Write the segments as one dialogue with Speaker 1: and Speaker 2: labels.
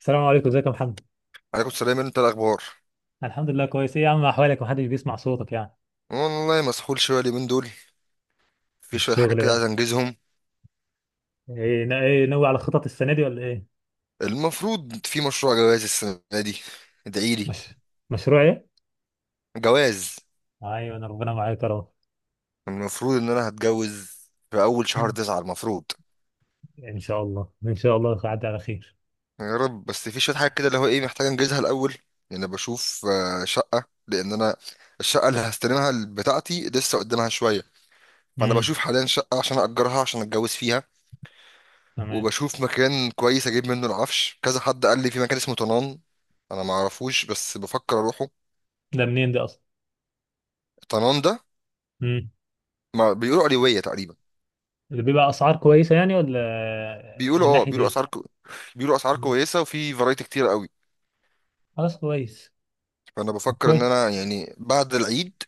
Speaker 1: السلام عليكم، ازيك يا محمد؟
Speaker 2: عليكم السلام. انت الاخبار؟
Speaker 1: الحمد لله كويس. ايه يا عم احوالك، محدش بيسمع صوتك يعني؟
Speaker 2: والله مسحول شويه اليومين دول، في شويه حاجات
Speaker 1: الشغل
Speaker 2: كده عايز
Speaker 1: بقى.
Speaker 2: انجزهم.
Speaker 1: ايه ناوي على خطط السنه دي ولا ايه؟
Speaker 2: المفروض في مشروع جواز السنه دي. ادعي لي.
Speaker 1: مش. مشروع ايه؟
Speaker 2: جواز.
Speaker 1: ايوه، انا ربنا معاك يا رب.
Speaker 2: المفروض ان انا هتجوز في اول شهر
Speaker 1: مم.
Speaker 2: تسعة المفروض.
Speaker 1: ان شاء الله، ان شاء الله هتعدي على خير.
Speaker 2: يا رب، بس في شويه حاجات كده اللي هو ايه محتاج انجزها الاول، لان انا بشوف شقه. لان انا الشقه اللي هستلمها بتاعتي لسه قدامها شويه، فانا
Speaker 1: امم.
Speaker 2: بشوف حاليا شقه عشان اجرها عشان اتجوز فيها.
Speaker 1: تمام.
Speaker 2: وبشوف مكان كويس اجيب منه العفش. كذا حد قال لي في مكان اسمه طنان. انا ما اعرفوش بس بفكر اروحه.
Speaker 1: ده منين ده اصلا؟
Speaker 2: طنان ده
Speaker 1: امم.
Speaker 2: ما بيقولوا علوية تقريبا.
Speaker 1: اللي بيبقى اسعار كويسه يعني، ولا
Speaker 2: بيقولوا
Speaker 1: من
Speaker 2: اه،
Speaker 1: ناحيه ايه؟
Speaker 2: بيقولوا اسعار
Speaker 1: مم.
Speaker 2: كويسة وفي فرايتي كتير قوي.
Speaker 1: خلاص كويس.
Speaker 2: فانا بفكر ان
Speaker 1: كويس.
Speaker 2: انا يعني بعد العيد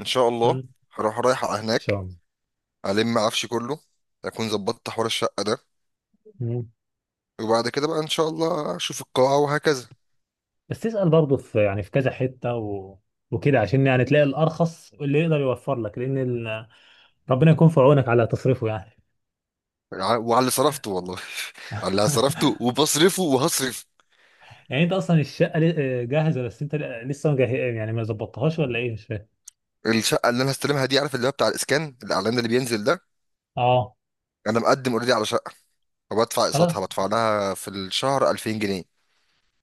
Speaker 2: ان شاء
Speaker 1: امم.
Speaker 2: الله
Speaker 1: ان
Speaker 2: هروح رايح على
Speaker 1: شاء
Speaker 2: هناك،
Speaker 1: الله.
Speaker 2: الم عفشي كله، اكون ظبطت حوار الشقة ده.
Speaker 1: مم.
Speaker 2: وبعد كده بقى ان شاء الله اشوف القاعة وهكذا.
Speaker 1: بس تسال برضه، في يعني في كذا حته وكده، عشان يعني تلاقي الارخص اللي يقدر يوفر لك، لان ربنا يكون في عونك على تصريفه يعني.
Speaker 2: وعلى اللي صرفته والله. على اللي صرفته وبصرفه وهصرف.
Speaker 1: يعني انت اصلا الشقه جاهزه، بس انت لسه مجه... يعني ما ظبطتهاش ولا ايه، مش فاهم.
Speaker 2: الشقه اللي انا هستلمها دي، عارف اللي هو بتاع الاسكان الاعلان اللي بينزل ده،
Speaker 1: اه
Speaker 2: انا مقدم اوريدي على شقه وبدفع اقساطها،
Speaker 1: خلاص.
Speaker 2: بدفع لها في الشهر 2000 جنيه.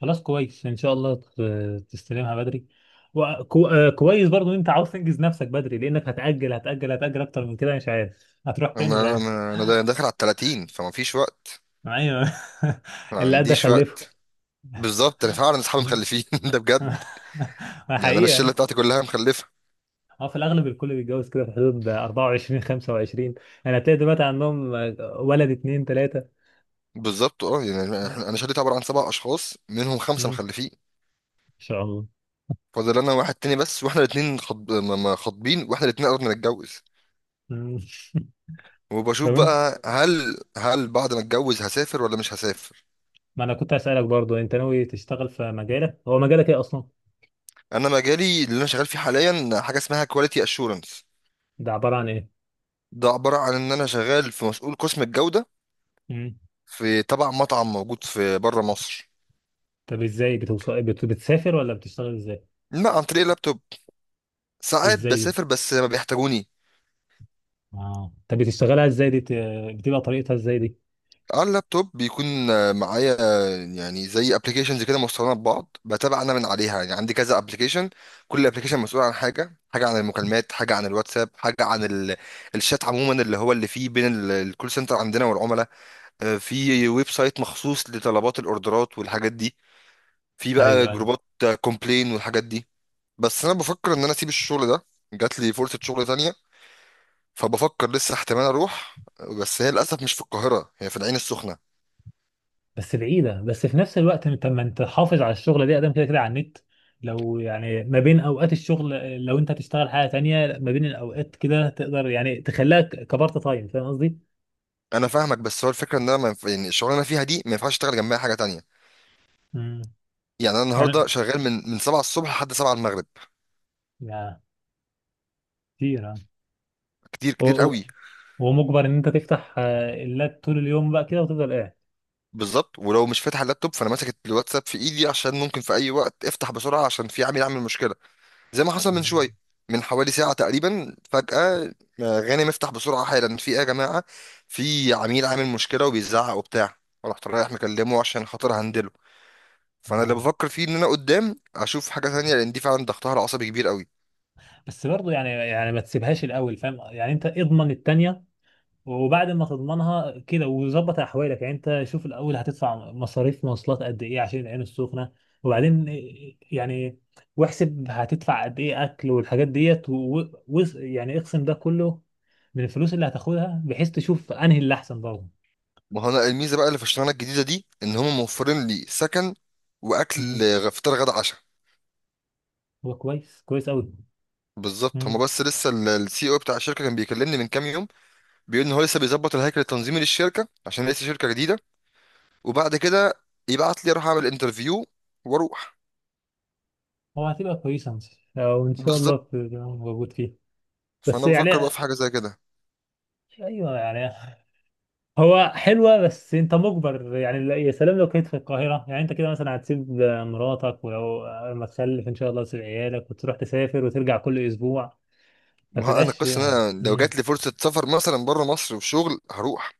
Speaker 1: خلاص كويس ان شاء الله تستلمها بدري، وكو... آه، كويس برضو ان انت عاوز تنجز نفسك بدري، لانك هتاجل اكتر من كده، مش عارف هتروح فين، مش
Speaker 2: انا
Speaker 1: عارف.
Speaker 2: انا انا دا- داخل على ال 30، فما فيش وقت.
Speaker 1: ايوه.
Speaker 2: ما
Speaker 1: اللي قد
Speaker 2: عنديش
Speaker 1: خلفه.
Speaker 2: وقت. بالظبط انا فعلا اصحابي مخلفين ده بجد.
Speaker 1: ما
Speaker 2: يعني انا
Speaker 1: حقيقه
Speaker 2: الشله
Speaker 1: يعني.
Speaker 2: بتاعتي كلها مخلفه.
Speaker 1: اه في الاغلب الكل بيتجوز كده في حدود 24 25، يعني هتلاقي دلوقتي عندهم ولد 2 3.
Speaker 2: بالظبط اه، يعني انا شلتي عباره عن سبع اشخاص، منهم خمسه
Speaker 1: مم. ان
Speaker 2: مخلفين.
Speaker 1: شاء الله.
Speaker 2: فاضل انا واحد تاني بس، واحنا الاثنين خطب... ما- ما خاطبين واحنا الاثنين قربنا نتجوز.
Speaker 1: مم.
Speaker 2: وبشوف
Speaker 1: لو انت.
Speaker 2: بقى هل بعد ما اتجوز هسافر ولا مش هسافر.
Speaker 1: ما انا كنت اسالك برضو، انت ناوي تشتغل في مجالك؟ هو مجالك ايه اصلا؟
Speaker 2: انا مجالي اللي انا شغال فيه حاليا حاجه اسمها كواليتي اشورنس.
Speaker 1: ده عباره عن ايه؟
Speaker 2: ده عباره عن ان انا شغال في مسؤول قسم الجوده
Speaker 1: مم.
Speaker 2: في تبع مطعم موجود في بره مصر.
Speaker 1: طب ازاي بتوصل بتسافر ولا بتشتغل ازاي؟
Speaker 2: لا، عن طريق اللابتوب. ساعات
Speaker 1: ازاي دي؟
Speaker 2: بسافر بس ما بيحتاجوني.
Speaker 1: اه طب بتشتغلها ازاي دي؟ بتبقى طريقتها ازاي دي؟
Speaker 2: على اللابتوب بيكون معايا يعني زي ابلكيشنز كده مستخدمه ببعض بتابع انا من عليها، يعني عندي كذا ابلكيشن. كل ابلكيشن مسؤول عن حاجه، حاجه عن
Speaker 1: مم.
Speaker 2: المكالمات، حاجه عن الواتساب، حاجه عن الشات عموما اللي هو اللي فيه بين الكول سنتر عندنا والعملاء. في ويب سايت مخصوص لطلبات الاوردرات والحاجات دي. في بقى
Speaker 1: ايوه، ايوه.
Speaker 2: جروبات كومبلين والحاجات دي. بس انا بفكر ان انا اسيب الشغل ده، جات لي فرصة شغل تانية، فبفكر لسه احتمال اروح. بس هي للاسف مش في القاهرة، هي في العين السخنة.
Speaker 1: بس بعيده، بس في نفس الوقت انت، ما انت حافظ على الشغله دي ادم كده كده على النت. لو يعني ما بين اوقات الشغل، لو انت هتشتغل حاجه تانية ما بين الاوقات كده، تقدر يعني تخليها كبارت تايم، فاهم قصدي؟
Speaker 2: انا فاهمك بس هو الفكرة ان انا ما ينف... يعني الشغلانة اللي انا فيها دي ما ينفعش اشتغل جنبها حاجة تانية.
Speaker 1: مم.
Speaker 2: يعني انا النهاردة شغال من 7 الصبح لحد 7 المغرب.
Speaker 1: يعني كتير يعني.
Speaker 2: كتير
Speaker 1: و-
Speaker 2: كتير
Speaker 1: و-
Speaker 2: قوي.
Speaker 1: ومجبر ان انت تفتح اللاب طول اليوم بقى كده وتفضل قاعد.
Speaker 2: بالظبط. ولو مش فاتح اللابتوب فانا ماسك الواتساب في ايدي، عشان ممكن في اي وقت افتح بسرعة عشان في عامل يعمل مشكلة زي ما حصل من شويه،
Speaker 1: مم.
Speaker 2: من حوالي ساعة تقريبا. فجأة غانم، افتح بسرعة حالا، في ايه يا جماعة؟ في عميل عامل مشكلة وبيزعق وبتاع. رحت رايح مكلمه عشان خاطر هندله. فانا اللي
Speaker 1: اه
Speaker 2: بفكر فيه ان انا قدام اشوف حاجة تانية، لان دي فعلا ضغطها العصبي كبير قوي.
Speaker 1: بس برضو يعني، يعني ما تسيبهاش الاول، فاهم يعني؟ انت اضمن التانية، وبعد ما تضمنها كده وظبط احوالك. يعني انت شوف الاول هتدفع مصاريف مواصلات قد ايه عشان العين السخنة، وبعدين يعني واحسب هتدفع قد ايه اكل والحاجات ديت، يعني اقسم ده كله من الفلوس اللي هتاخدها، بحيث تشوف انهي اللي احسن برضه.
Speaker 2: ما هو انا الميزة بقى اللي في الشغلانة الجديدة دي ان هم موفرين لي سكن واكل،
Speaker 1: مم.
Speaker 2: فطار غدا عشاء.
Speaker 1: هو كويس، كويس قوي.
Speaker 2: بالظبط. هما بس لسه السي او بتاع الشركه كان بيكلمني من كام يوم، بيقول ان هو لسه بيظبط الهيكل التنظيمي للشركه عشان لسه شركه جديده، وبعد كده يبعت لي اروح اعمل انترفيو واروح.
Speaker 1: هو هتبقى كويسة، أو إن شاء الله
Speaker 2: بالظبط.
Speaker 1: تبقى موجود فيه. بس
Speaker 2: فانا بفكر بقى
Speaker 1: يعني.
Speaker 2: في حاجه زي كده.
Speaker 1: أيوه يعني. هو حلوة، بس أنت مجبر يعني. يا سلام لو كنت في القاهرة، يعني أنت كده مثلا هتسيب مراتك، ولو لما تخلف إن شاء الله تسيب عيالك وتروح تسافر وترجع كل أسبوع. ما
Speaker 2: ما هو انا
Speaker 1: بتبقاش.
Speaker 2: القصه ان انا لو
Speaker 1: مم.
Speaker 2: جات لي فرصه سفر مثلا بره مصر وشغل هروح.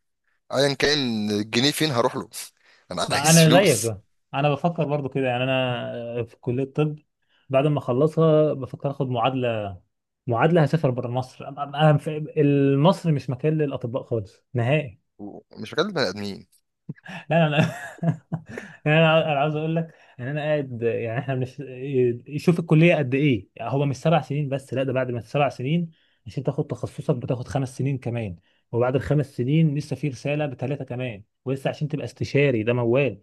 Speaker 2: ايا كان الجنيه فين هروح له. انا
Speaker 1: ما
Speaker 2: عايز
Speaker 1: أنا زيك
Speaker 2: فلوس.
Speaker 1: بقى. أنا بفكر برضو كده، يعني أنا في كلية الطب بعد ما أخلصها بفكر آخد معادلة. معادلة هسافر بره مصر، أنا مصر مش مكان للأطباء خالص نهائي.
Speaker 2: مش هكلم بني ادمين.
Speaker 1: لا، لا، لا. يعني انا عاوز اقول لك ان انا قاعد، يعني احنا شوف الكليه قد ايه، يعني هو مش 7 سنين بس، لا ده بعد ما 7 سنين عشان تاخد تخصصك بتاخد خمس سنين كمان، وبعد ال 5 سنين لسه في رساله ب 3 كمان، ولسه عشان تبقى استشاري ده موال.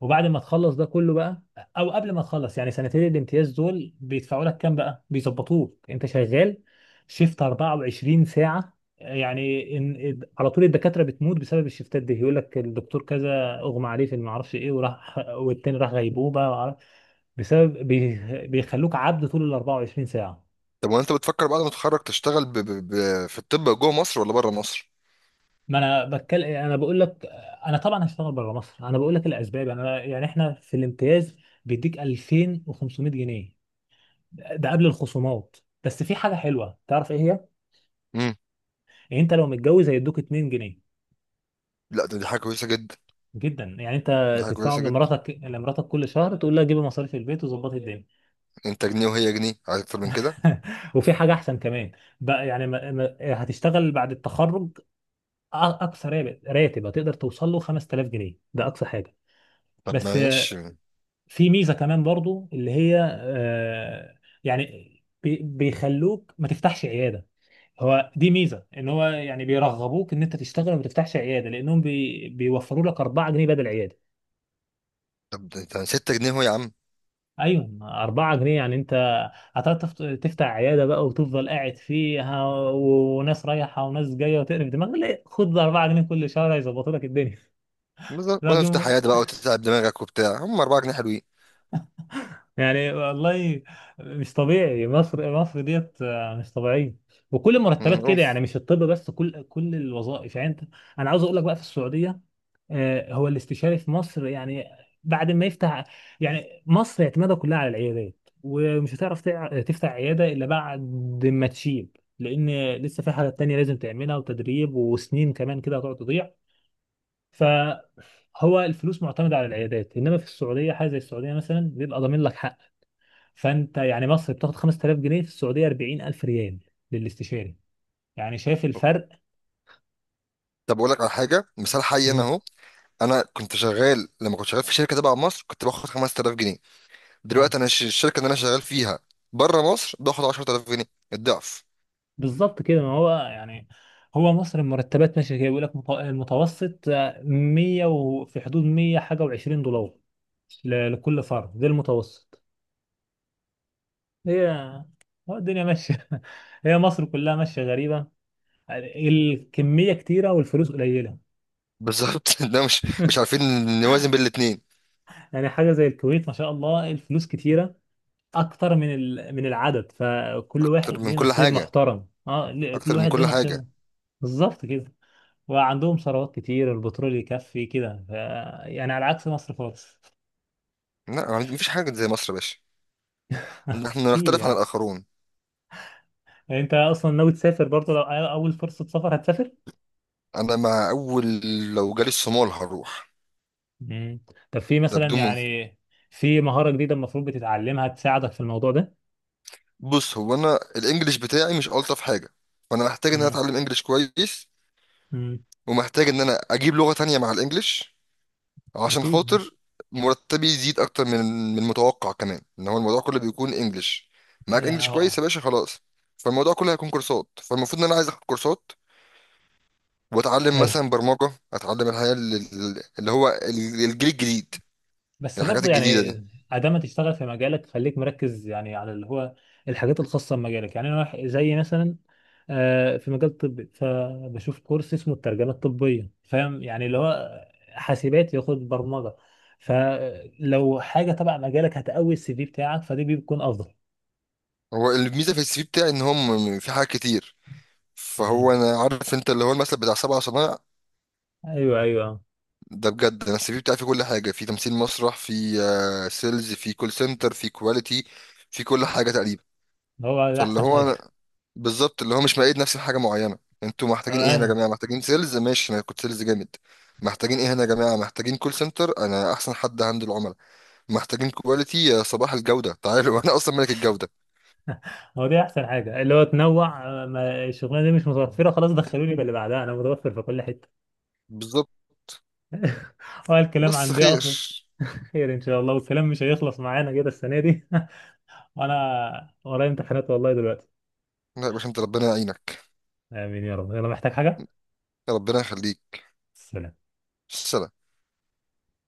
Speaker 1: وبعد ما تخلص ده كله بقى، او قبل ما تخلص يعني سنتين الامتياز دول بيدفعوا لك كام بقى، بيظبطوك انت شغال شيفت 24 ساعة، يعني إن على طول الدكاترة بتموت بسبب الشيفتات دي، يقول لك الدكتور كذا اغمى عليه في ما اعرفش ايه وراح، والتاني راح غيبوبة بسبب بيخلوك عبد طول ال 24 ساعة.
Speaker 2: طب وانت بتفكر بعد ما تتخرج تشتغل في الطب جوه مصر ولا بره مصر؟
Speaker 1: ما انا بتكلم، انا بقول لك. انا طبعا هشتغل بره مصر، انا بقول لك الاسباب. يعني انا، يعني احنا في الامتياز بيديك 2500 جنيه، ده قبل الخصومات. بس في حاجه حلوه، تعرف ايه هي؟
Speaker 2: امم.
Speaker 1: يعني انت لو متجوز هيدوك 2 جنيه.
Speaker 2: لا، دي حاجه كويسه جدا.
Speaker 1: جدا يعني
Speaker 2: دي
Speaker 1: انت
Speaker 2: حاجه كويسه
Speaker 1: تدفعهم
Speaker 2: جدا.
Speaker 1: لمراتك، كل شهر تقول لها جيبي مصاريف البيت وظبطي الدنيا.
Speaker 2: انت جنيه وهي جنيه، عايز اكتر من كده؟
Speaker 1: وفي حاجه احسن كمان بقى، يعني ما... ما... هتشتغل بعد التخرج، اقصى راتب هتقدر توصل له 5000 جنيه، ده اقصى حاجه.
Speaker 2: طب
Speaker 1: بس
Speaker 2: معلش.
Speaker 1: في ميزه كمان برضو، اللي هي يعني بيخلوك ما تفتحش عياده. هو دي ميزه ان هو يعني بيرغبوك ان انت تشتغل وما تفتحش عياده، لانهم بيوفروا لك 4 جنيه بدل عياده.
Speaker 2: طب ده 6 جنيه اهو يا عم.
Speaker 1: ايوه 4 جنيه، يعني انت هتعرف تفتح عياده بقى وتفضل قاعد فيها وناس رايحه وناس جايه وتقرف دماغك. لا خد 4 جنيه كل شهر هيظبطوا لك الدنيا.
Speaker 2: بالظبط، ولا افتح
Speaker 1: راجل،
Speaker 2: حياتي بقى وتتعب دماغك وبتاع، هم 4 جنيه حلوين.
Speaker 1: يعني والله مش طبيعي. مصر ديت مش طبيعيه، وكل المرتبات
Speaker 2: مم،
Speaker 1: كده،
Speaker 2: أوف.
Speaker 1: يعني مش الطب بس، كل الوظائف. يعني انت، انا عاوز اقول لك بقى في السعوديه، هو الاستشاري في مصر يعني بعد ما يفتح، يعني مصر اعتمادها كلها على العيادات، ومش هتعرف تفتح عيادة إلا بعد ما تشيب، لأن لسه في حاجات تانية لازم تعملها وتدريب وسنين كمان كده هتقعد تضيع. فهو الفلوس معتمدة على العيادات، إنما في السعودية، حاجة زي السعودية مثلا بيبقى ضامن لك حق. فأنت يعني مصر بتاخد 5000 جنيه، في السعودية 40000 ريال للاستشاري. يعني شايف الفرق؟
Speaker 2: طب اقول لك على حاجه، مثال حي انا
Speaker 1: مم.
Speaker 2: اهو. انا كنت شغال، لما كنت شغال في شركه تبع مصر كنت باخد 5000 جنيه. دلوقتي انا الشركه اللي انا شغال فيها بره مصر باخد 10000 جنيه، الضعف.
Speaker 1: بالظبط كده. ما هو يعني هو مصر المرتبات ماشيه كده، بيقول لك المتوسط 100، وفي حدود 100 حاجه و20 دولار لكل فرد، ده المتوسط. هي هو الدنيا ماشيه. هي مصر كلها ماشيه غريبه، يعني الكميه كتيره والفلوس قليله.
Speaker 2: بالظبط. ده مش عارفين نوازن بين الاتنين.
Speaker 1: يعني حاجه زي الكويت ما شاء الله الفلوس كتيره اكتر من من العدد، فكل
Speaker 2: اكتر
Speaker 1: واحد
Speaker 2: من
Speaker 1: ليه
Speaker 2: كل
Speaker 1: نصيب
Speaker 2: حاجه.
Speaker 1: محترم. اه كل
Speaker 2: اكتر من
Speaker 1: واحد ليه
Speaker 2: كل
Speaker 1: نصيبه.
Speaker 2: حاجه.
Speaker 1: بالظبط كده، وعندهم ثروات كتير، البترول يكفي كده يعني على عكس مصر خالص.
Speaker 2: لا، ما فيش حاجه زي مصر يا باشا. احنا
Speaker 1: اكيد
Speaker 2: نختلف عن
Speaker 1: يعني.
Speaker 2: الاخرون.
Speaker 1: انت اصلا ناوي تسافر برضه؟ لو اول فرصة سفر هتسافر؟
Speaker 2: انا مع اول، لو جالي الصومال هروح.
Speaker 1: مم. طب في
Speaker 2: ده
Speaker 1: مثلا
Speaker 2: بدون
Speaker 1: يعني في مهارة جديدة المفروض بتتعلمها تساعدك في الموضوع ده؟
Speaker 2: بص هو انا الانجليش بتاعي مش الطف حاجه، فانا محتاج ان انا
Speaker 1: امم.
Speaker 2: اتعلم انجليش كويس،
Speaker 1: امم.
Speaker 2: ومحتاج ان انا اجيب لغة تانية مع الانجليش عشان
Speaker 1: اكيد
Speaker 2: خاطر مرتبي يزيد اكتر من المتوقع. كمان ان هو الموضوع كله بيكون انجليش، معاك
Speaker 1: يعني.
Speaker 2: انجليش كويس يا
Speaker 1: اه.
Speaker 2: باشا خلاص. فالموضوع كله هيكون كورسات، فالمفروض ان انا عايز اخد كورسات، واتعلم
Speaker 1: هي
Speaker 2: مثلا برمجة، اتعلم الحياة اللي هو الجيل الجديد،
Speaker 1: بس
Speaker 2: الحاجات
Speaker 1: برضه
Speaker 2: الجديدة
Speaker 1: يعني،
Speaker 2: دي.
Speaker 1: عدم تشتغل في مجالك، خليك مركز يعني على اللي هو الحاجات الخاصة بمجالك. يعني أنا زي مثلا في مجال طبي فبشوف كورس اسمه الترجمة الطبية، فاهم؟ يعني اللي هو حاسبات ياخد برمجة، فلو حاجة تبع مجالك هتقوي السي في بتاعك، فدي بيكون أفضل.
Speaker 2: هو الميزة في السي في بتاعي ان هم في حاجات كتير.
Speaker 1: مم.
Speaker 2: فهو انا عارف انت اللي هو المثل بتاع سبع صنايع.
Speaker 1: أيوه أيوه.
Speaker 2: ده بجد، انا السي في بتاعي فيه كل حاجه، في تمثيل مسرح، في سيلز، في كول سنتر، في كواليتي، في كل حاجه تقريبا.
Speaker 1: هو ده
Speaker 2: فاللي
Speaker 1: أحسن
Speaker 2: هو
Speaker 1: حاجة.
Speaker 2: أنا بالظبط اللي هو مش مقيد نفسي بحاجه معينه. انتوا محتاجين ايه هنا يا
Speaker 1: آه،
Speaker 2: جماعه؟ محتاجين سيلز؟ ماشي، انا كنت سيلز جامد. محتاجين ايه هنا يا جماعه؟ محتاجين كول سنتر؟ انا احسن حد هندل العملاء. محتاجين كواليتي؟ يا صباح الجوده، تعالوا. انا اصلا ملك الجوده.
Speaker 1: هو دي أحسن حاجة اللي هو تنوع. ما الشغلانة دي مش متوفرة خلاص، دخلوني باللي بعدها، أنا متوفر في كل حتة.
Speaker 2: بالظبط.
Speaker 1: هو الكلام
Speaker 2: بس
Speaker 1: عندي
Speaker 2: خير.
Speaker 1: أصلا. خير. ان شاء الله، والكلام مش هيخلص معانا كده السنه دي. وانا ورايا امتحانات والله دلوقتي.
Speaker 2: لا يا باشا، انت ربنا يعينك.
Speaker 1: امين يا رب. يلا محتاج حاجه؟
Speaker 2: ربنا يخليك.
Speaker 1: سلام.
Speaker 2: سلام.